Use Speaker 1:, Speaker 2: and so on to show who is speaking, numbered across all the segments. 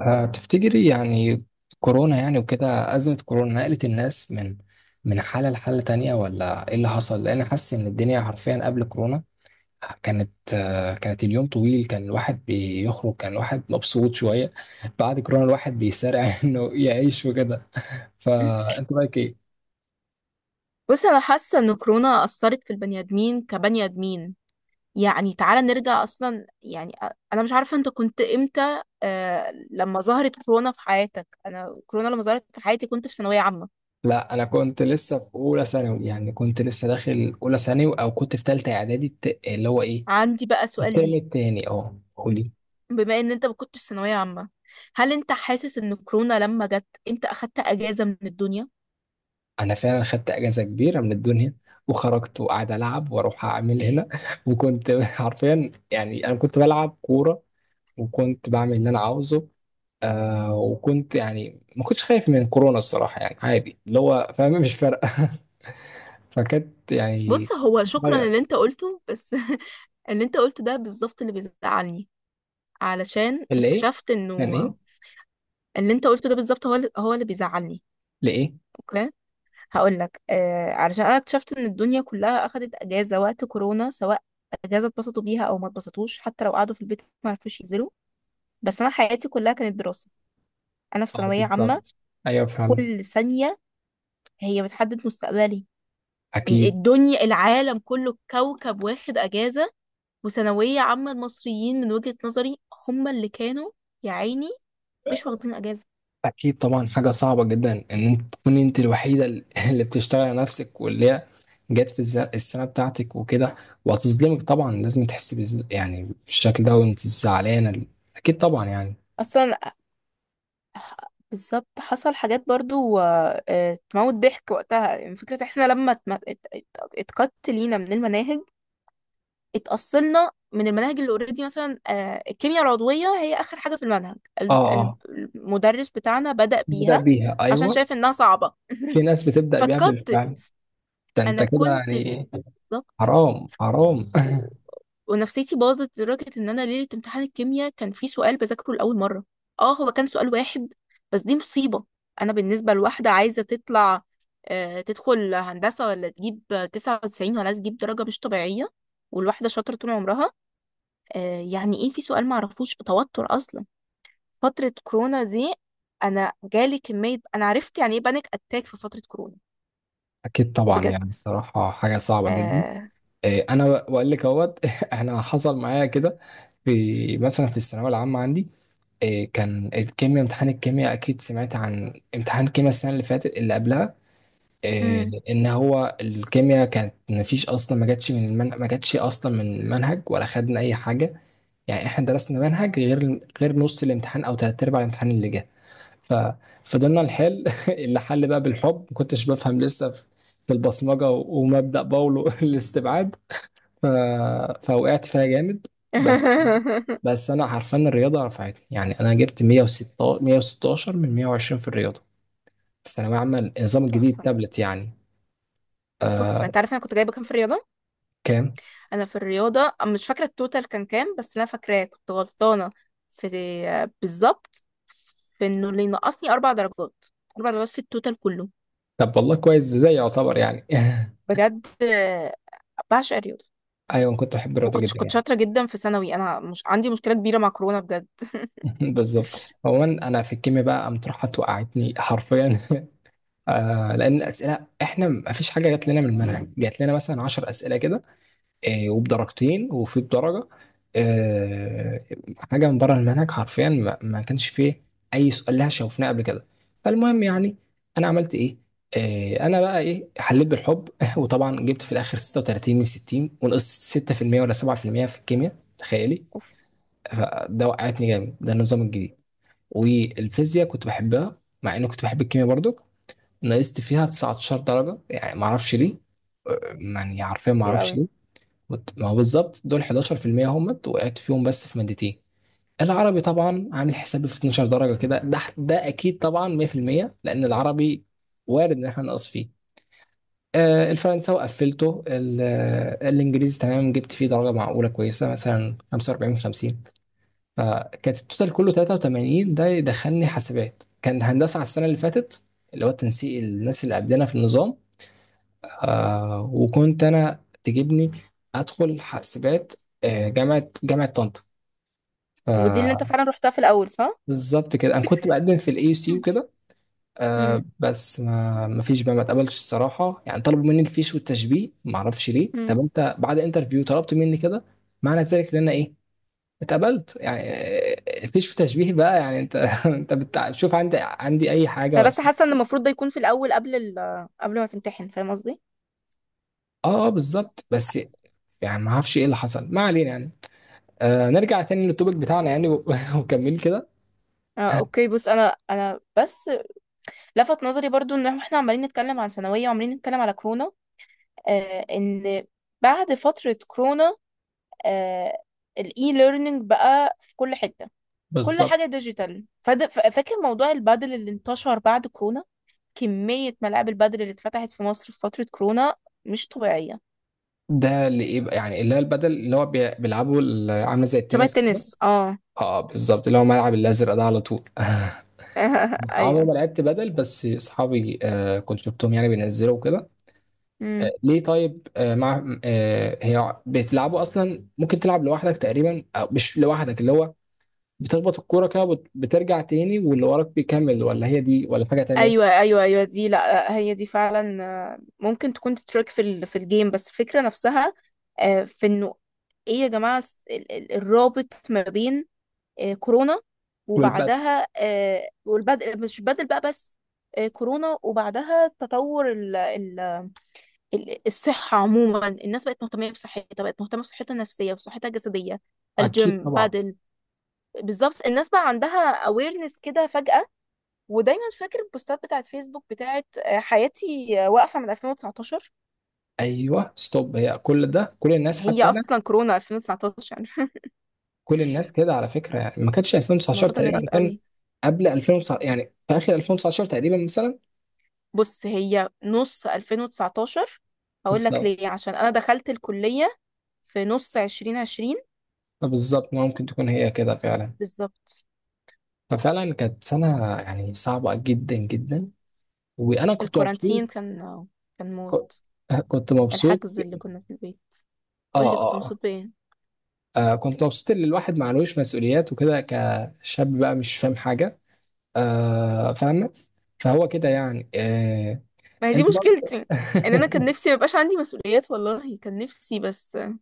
Speaker 1: تفتكري يعني كورونا يعني وكده أزمة كورونا نقلت الناس من حالة لحالة تانية ولا إيه اللي حصل؟ لأن حاسس إن الدنيا حرفيا قبل كورونا كانت اليوم طويل، كان الواحد بيخرج، كان الواحد مبسوط شوية. بعد كورونا الواحد بيسارع إنه يعيش وكده. فأنت رأيك إيه؟
Speaker 2: بص، انا حاسه ان كورونا اثرت في البني ادمين كبني ادمين. يعني تعالى نرجع اصلا، يعني انا مش عارفه انت كنت امتى. لما ظهرت كورونا في حياتك؟ انا كورونا لما ظهرت في حياتي كنت في ثانويه عامه.
Speaker 1: لا أنا كنت لسه في أولى ثانوي، يعني كنت لسه داخل أولى ثانوي أو كنت في تالتة إعدادي. اللي هو إيه؟
Speaker 2: عندي بقى سؤال
Speaker 1: الترم
Speaker 2: ليك:
Speaker 1: التاني. قولي.
Speaker 2: بما ان انت ما كنتش ثانويه عامه، هل انت حاسس ان كورونا لما جت انت اخدت اجازه من الدنيا؟
Speaker 1: انا فعلا خدت اجازه كبيره من الدنيا، وخرجت وقعد العب واروح اعمل هنا، وكنت حرفيا، يعني انا كنت بلعب كوره وكنت بعمل اللي انا عاوزه. وكنت يعني ما كنتش خايف من كورونا الصراحه، يعني عادي اللي هو فاهم، مش فارقه. فكانت يعني
Speaker 2: بص، هو شكرا
Speaker 1: صغير.
Speaker 2: اللي انت قلته، بس اللي انت قلته ده بالظبط اللي بيزعلني. علشان
Speaker 1: اللي ايه؟
Speaker 2: اكتشفت
Speaker 1: كان
Speaker 2: انه
Speaker 1: ايه؟
Speaker 2: اللي انت قلته ده بالظبط هو هو اللي بيزعلني.
Speaker 1: لايه؟
Speaker 2: اوكي، هقول لك. علشان انا اكتشفت ان الدنيا كلها اخدت اجازه وقت كورونا، سواء اجازه اتبسطوا بيها او ما اتبسطوش، حتى لو قعدوا في البيت ما عرفوش ينزلوا. بس انا حياتي كلها كانت دراسه. انا في
Speaker 1: اه
Speaker 2: ثانويه عامه،
Speaker 1: بالظبط. ايوه فعلا.
Speaker 2: كل ثانيه هي بتحدد مستقبلي.
Speaker 1: اكيد.
Speaker 2: الدنيا، العالم كله كوكب واخد اجازه، وثانويه عامه المصريين من وجهه نظري هم اللي كانوا، يا عيني، مش واخدين اجازه.
Speaker 1: أكيد طبعا، حاجة صعبة جدا إن أنت تكوني أنت الوحيدة اللي بتشتغل على نفسك، واللي هي جت في السنة بتاعتك وكده. وهتظلمك طبعا، لازم تحسي يعني بالشكل ده، وأنت زعلانة أكيد طبعا يعني.
Speaker 2: اصلا بالظبط حصل حاجات برضو. تموت ضحك وقتها. يعني فكرة احنا لما اتقت لينا من المناهج، اتأصلنا من المناهج اللي اوريدي. مثلا الكيمياء العضوية هي آخر حاجة في المنهج.
Speaker 1: أه أه.
Speaker 2: المدرس بتاعنا بدأ
Speaker 1: بدأ
Speaker 2: بيها
Speaker 1: بيها،
Speaker 2: عشان
Speaker 1: أيوه.
Speaker 2: شايف إنها صعبة.
Speaker 1: في ناس بتبدأ بيها
Speaker 2: فاتقطت.
Speaker 1: بالفعل. ده أنت
Speaker 2: أنا
Speaker 1: كده
Speaker 2: كنت
Speaker 1: يعني.
Speaker 2: ضغط
Speaker 1: حرام حرام.
Speaker 2: و... ونفسيتي باظت لدرجة ان انا ليلة امتحان الكيمياء كان في سؤال بذاكره لأول مرة. اه هو كان سؤال واحد، بس دي مصيبة. انا بالنسبة لواحدة عايزة تطلع، تدخل هندسة، ولا تجيب 99، ولا تجيب درجة مش طبيعية، والواحدة شاطرة طول عمرها. يعني ايه في سؤال معرفوش؟ توتر اصلا فترة كورونا دي. انا جالي كمية، انا عرفت يعني ايه بانيك اتاك في فترة كورونا.
Speaker 1: أكيد طبعا
Speaker 2: بجد.
Speaker 1: يعني، بصراحة حاجة صعبة جدا.
Speaker 2: آه.
Speaker 1: انا بقول لك اهوت. انا حصل معايا كده في مثلا في الثانويه العامه عندي. كان الكيمياء امتحان الكيمياء اكيد سمعت عن امتحان الكيمياء السنه اللي فاتت اللي قبلها.
Speaker 2: مم.
Speaker 1: ان هو الكيمياء كانت ما فيش اصلا، ما جاتش اصلا من المنهج ولا خدنا اي حاجه. يعني احنا درسنا منهج غير نص الامتحان او تلات ارباع الامتحان اللي جه. ففضلنا نحل اللي حل بقى بالحب، ما كنتش بفهم، لسه في البصمجه ومبدا باولو الاستبعاد. ف... فوقعت فيها جامد. بس بس انا عارفان الرياضه رفعتني، يعني انا جبت 116 من 120 في الرياضه في ثانويه عامه النظام الجديد
Speaker 2: تحفة،
Speaker 1: تابلت يعني. آه.
Speaker 2: تحفة. انت عارفة انا كنت جايبة كام في الرياضة؟
Speaker 1: كام؟
Speaker 2: انا في الرياضة مش فاكرة التوتال كان كام، بس انا فاكراه كنت غلطانة في، بالظبط، في انه اللي نقصني اربع درجات. اربع درجات في التوتال كله،
Speaker 1: طب والله كويس، ده زي يعتبر يعني.
Speaker 2: بجد. بعشق الرياضة.
Speaker 1: ايوه أنا كنت بحب الرياضه
Speaker 2: وكنت
Speaker 1: جدا
Speaker 2: كنت
Speaker 1: يعني.
Speaker 2: شاطرة جدا في ثانوي. انا مش عندي مشكلة كبيرة مع كورونا بجد.
Speaker 1: بالظبط. عموما انا في الكيمياء بقى قامت راحت وقعتني حرفيا. لان الاسئله احنا ما فيش حاجه جات لنا من المنهج، جات لنا مثلا 10 اسئله كده، وبدرجتين وفي بدرجة، آه، حاجة من بره المنهج حرفيا، ما كانش فيه أي سؤال لها شوفناه قبل كده. فالمهم يعني، أنا عملت إيه؟ أنا بقى إيه حليت بالحب. وطبعا جبت في الآخر 36 من 60، ونقصت 6% ولا 7% في المية في الكيمياء تخيلي. فده وقعتني جامد، ده النظام الجديد. والفيزياء كنت بحبها، مع إني كنت بحب الكيمياء برضو، نقصت فيها 19 درجة يعني معرفش ليه. يعني حرفيا
Speaker 2: كتير
Speaker 1: معرفش.
Speaker 2: قوي.
Speaker 1: ما هو بالظبط دول 11% همت وقعت فيهم بس في مادتين. العربي طبعا عامل حسابي في 12 درجة كده، ده أكيد طبعا 100%، لأن العربي وارد إن احنا نقص فيه. الفرنساوي قفلته، الإنجليزي تمام جبت فيه درجة معقولة كويسة، مثلا 45 من 50. فكانت التوتال كله 83، ده يدخلني حاسبات كان هندسة على السنة اللي فاتت، اللي هو تنسيق الناس اللي قبلنا في النظام. وكنت انا تجيبني ادخل حاسبات. جامعه طنطا.
Speaker 2: ودي اللي انت فعلا رحتها في الاول، صح؟
Speaker 1: فبالظبط كده انا كنت بقدم في الاي سي
Speaker 2: مم.
Speaker 1: وكده.
Speaker 2: مم.
Speaker 1: بس ما فيش بقى، ما اتقبلش الصراحه، يعني طلبوا مني الفيش والتشبيه ما اعرفش ليه.
Speaker 2: مم.
Speaker 1: طب انت بعد انترفيو طلبت مني كده؟ معنى ذلك ان انا ايه، اتقبلت يعني. الفيش وتشبيه بقى يعني، انت انت بتشوف عندي اي حاجه
Speaker 2: انا
Speaker 1: ولا؟
Speaker 2: بس حاسة ان المفروض ده يكون في الاول، قبل قبل ما تمتحن. فاهم قصدي؟
Speaker 1: اه بالظبط بس، يعني ما اعرفش ايه اللي حصل، ما علينا يعني. نرجع تاني للتوبيك بتاعنا يعني وكمل كده.
Speaker 2: اوكي. بص، انا بس لفت نظري برضو ان احنا عمالين نتكلم عن ثانوية وعمالين نتكلم على كورونا. ان بعد فترة كورونا، آه الاي ليرنينج بقى في كل حتة، كل
Speaker 1: بالظبط.
Speaker 2: حاجة ديجيتال. فاكر موضوع البادل اللي انتشر بعد كورونا؟ كمية ملاعب البادل اللي اتفتحت في مصر في فترة كورونا مش طبيعية.
Speaker 1: ده اللي ايه بقى يعني، اللي هي البدل، اللي هو بيلعبه، عامله زي
Speaker 2: شبه
Speaker 1: التنس كده.
Speaker 2: التنس، اه.
Speaker 1: اه بالظبط، اللي هو ملعب الازرق ده على طول. عمري ما لعبت بدل، بس اصحابي كنت شفتهم يعني بينزلوا كده.
Speaker 2: ايوه،
Speaker 1: آه ليه طيب آه مع آه هي بتلعبوا اصلا، ممكن تلعب لوحدك تقريبا أو مش لوحدك، اللي هو بتخبط الكوره كده بترجع تاني واللي وراك بيكمل، ولا هي دي ولا حاجه تانيه؟
Speaker 2: ايوه، ايوه، ايوه، دي لا هي دي فعلا. ممكن تكون تترك في الجيم، بس الفكره نفسها. في انه ايه يا جماعه، الرابط ما بين كورونا
Speaker 1: والبدل.
Speaker 2: وبعدها، والبدء مش بدل بقى، بس كورونا وبعدها تطور الصحه عموما. الناس بقت مهتمه بصحتها النفسيه وصحتها الجسديه.
Speaker 1: اكيد
Speaker 2: الجيم،
Speaker 1: طبعا.
Speaker 2: بادل. بالظبط، الناس بقى عندها awareness كده فجأة. ودايما فاكر البوستات بتاعت فيسبوك بتاعت حياتي واقفة من 2019.
Speaker 1: ايوه ستوب، هي كل الناس
Speaker 2: هي
Speaker 1: حتى انا،
Speaker 2: أصلا كورونا 2019.
Speaker 1: كل الناس كده على فكره، يعني ما كانتش 2019
Speaker 2: الموضوع ده
Speaker 1: تقريبا، يعني
Speaker 2: غريب
Speaker 1: كان
Speaker 2: قوي.
Speaker 1: قبل 2019 يعني في اخر 2019 تقريبا مثلا.
Speaker 2: بص، هي نص 2019. هقول لك
Speaker 1: بالظبط
Speaker 2: ليه: عشان أنا دخلت الكلية في نص 2020.
Speaker 1: بالظبط. ممكن تكون هي كده فعلا.
Speaker 2: بالظبط.
Speaker 1: ففعلا كانت سنه يعني صعبه جدا جدا. وانا كنت مبسوط.
Speaker 2: الكورانتين كان، كان
Speaker 1: ك-
Speaker 2: موت.
Speaker 1: كنت مبسوط.
Speaker 2: الحجز اللي كنا في البيت.
Speaker 1: اه
Speaker 2: قول لي كنت
Speaker 1: اه.
Speaker 2: مبسوط بإيه؟
Speaker 1: كنت مبسوط ان الواحد معلوش مسؤوليات وكده كشاب بقى مش فاهم حاجه. فاهمه. فهو كده يعني.
Speaker 2: ما هي دي
Speaker 1: انت برضه.
Speaker 2: مشكلتي، ان انا كان نفسي ميبقاش عندي مسؤوليات، والله كان نفسي، بس الموضوع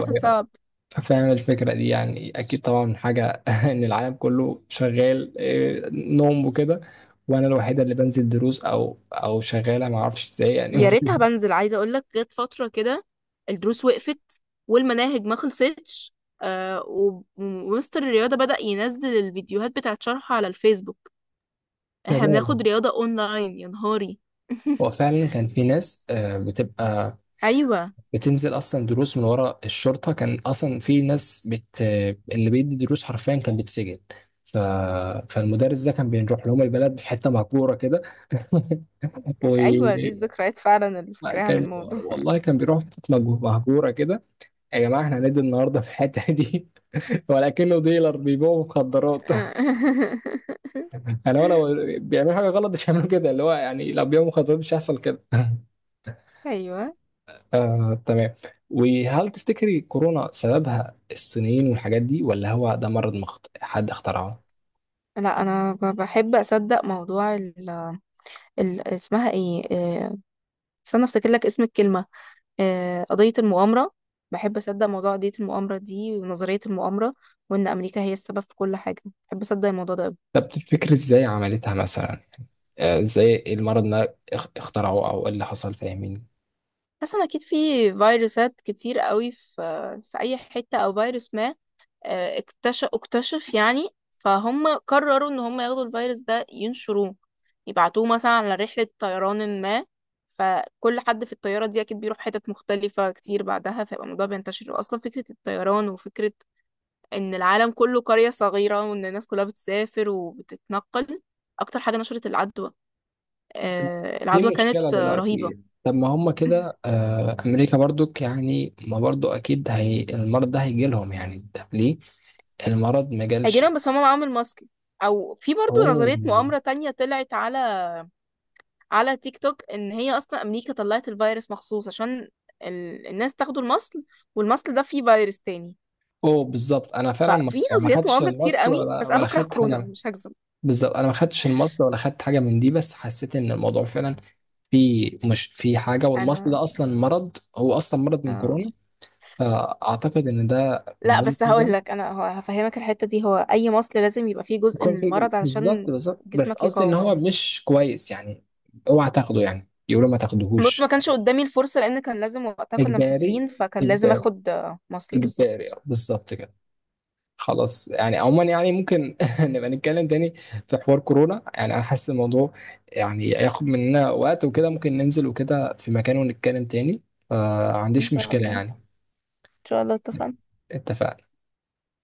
Speaker 2: ده كان
Speaker 1: ايوه.
Speaker 2: صعب.
Speaker 1: فاهم الفكرة دي يعني، أكيد طبعا حاجة إن العالم كله شغال نوم وكده، وأنا الوحيدة اللي بنزل دروس أو شغالة معرفش إزاي
Speaker 2: يا
Speaker 1: يعني.
Speaker 2: ريتها. بنزل عايزه اقول لك جت فتره كده الدروس وقفت والمناهج ما خلصتش. ومستر الرياضه بدأ ينزل الفيديوهات بتاعت شرح على الفيسبوك. احنا
Speaker 1: تمام.
Speaker 2: بناخد رياضه اونلاين، يا نهاري!
Speaker 1: هو فعلا كان في ناس بتبقى
Speaker 2: ايوه،
Speaker 1: بتنزل أصلا دروس من ورا الشرطة، كان أصلا في ناس اللي بيدي دروس حرفيا كان بيتسجن. ف... فالمدرس ده كان بيروح لهم البلد في حتة مهجورة كده.
Speaker 2: ايوه، دي الذكريات فعلا اللي فاكراها عن
Speaker 1: وكان
Speaker 2: الموضوع.
Speaker 1: والله كان بيروح في حتة مهجورة كده، يا جماعة احنا هندي النهاردة في الحتة دي. ولا كأنه ديلر بيبيعوا مخدرات. يعني هو لو بيعملوا حاجة غلط مش هيعملوا كده، اللي هو يعني لو بيبيعوا مخدرات مش هيحصل كده.
Speaker 2: ايوه،
Speaker 1: آه تمام. وهل تفتكري كورونا سببها الصينيين والحاجات دي، ولا هو ده مرض حد اخترعه؟
Speaker 2: لا. انا بحب اصدق موضوع اسمها ايه؟ استنى افتكر لك اسم الكلمة. قضية المؤامرة. بحب أصدق موضوع قضية المؤامرة دي ونظرية المؤامرة، وإن أمريكا هي السبب في كل حاجة. بحب أصدق الموضوع ده أوي.
Speaker 1: طب تفتكري ازاي عملتها مثلا؟ يعني، ازاي المرض ده اخترعوه او ايه اللي حصل، فاهمين؟
Speaker 2: حاسة أكيد في فيروسات كتير قوي في في أي حتة، أو فيروس ما اكتشف اكتشف. يعني فهم قرروا إن هم ياخدوا الفيروس ده ينشروه، يبعتوه مثلا على رحلة طيران ما، فكل حد في الطيارة دي أكيد بيروح حتت مختلفة كتير بعدها، فيبقى الموضوع بينتشر. أصلا فكرة الطيران وفكرة ان العالم كله قرية صغيرة وان الناس كلها بتسافر وبتتنقل اكتر حاجة نشرت العدوى.
Speaker 1: في
Speaker 2: العدوى
Speaker 1: مشكلة
Speaker 2: كانت رهيبة.
Speaker 1: دلوقتي، طب ما هم كده، أمريكا برضك يعني، ما برضو أكيد هي المرض ده هيجي لهم يعني، طب ليه المرض ما جالش؟
Speaker 2: هيجينا، بس هما معاهم المصل. او في برضو
Speaker 1: أوه
Speaker 2: نظرية مؤامرة تانية طلعت على تيك توك، ان هي اصلا امريكا طلعت الفيروس مخصوص عشان الناس تاخدوا المصل، والمصل ده فيه فيروس تاني.
Speaker 1: أوه بالظبط، أنا فعلا ما
Speaker 2: ففي
Speaker 1: يعني ما
Speaker 2: نظريات
Speaker 1: خدتش
Speaker 2: مؤامرة كتير
Speaker 1: المصل
Speaker 2: قوي،
Speaker 1: ولا
Speaker 2: بس انا
Speaker 1: ولا
Speaker 2: بكره
Speaker 1: خدت حاجة
Speaker 2: كورونا،
Speaker 1: من-
Speaker 2: مش هكذب.
Speaker 1: بالظبط أنا ما خدتش المصل ولا خدت حاجة من دي، بس حسيت إن الموضوع فعلا في مش في حاجة. والمصل
Speaker 2: انا.
Speaker 1: ده أصلا مرض، هو أصلا مرض من كورونا،
Speaker 2: آه.
Speaker 1: فأعتقد إن ده من
Speaker 2: لا،
Speaker 1: وجهة
Speaker 2: بس هقول
Speaker 1: نظري.
Speaker 2: لك انا. هو هفهمك الحته دي: هو اي مصل لازم يبقى فيه جزء
Speaker 1: يكون
Speaker 2: من
Speaker 1: في
Speaker 2: المرض
Speaker 1: بالظبط
Speaker 2: علشان
Speaker 1: بالظبط، بس
Speaker 2: جسمك
Speaker 1: قصدي ان
Speaker 2: يقاومه.
Speaker 1: هو مش كويس يعني، اوعى تاخده، يعني يقولوا ما
Speaker 2: بص، ما
Speaker 1: تاخدوهوش.
Speaker 2: كانش قدامي الفرصه، لان كان لازم، وقتها كنا
Speaker 1: اجباري
Speaker 2: مسافرين، فكان لازم
Speaker 1: اجباري
Speaker 2: اخد مصل
Speaker 1: اجباري
Speaker 2: بالظبط.
Speaker 1: اه بالظبط كده. خلاص يعني، عموما يعني ممكن نبقى نتكلم تاني في حوار كورونا يعني، انا حاسس الموضوع يعني هياخد مننا وقت وكده، ممكن ننزل وكده في مكان ونتكلم تاني، فما
Speaker 2: ان
Speaker 1: عنديش
Speaker 2: شاء
Speaker 1: مشكلة
Speaker 2: الله، ان
Speaker 1: يعني.
Speaker 2: شاء الله، اتفقنا.
Speaker 1: اتفقنا.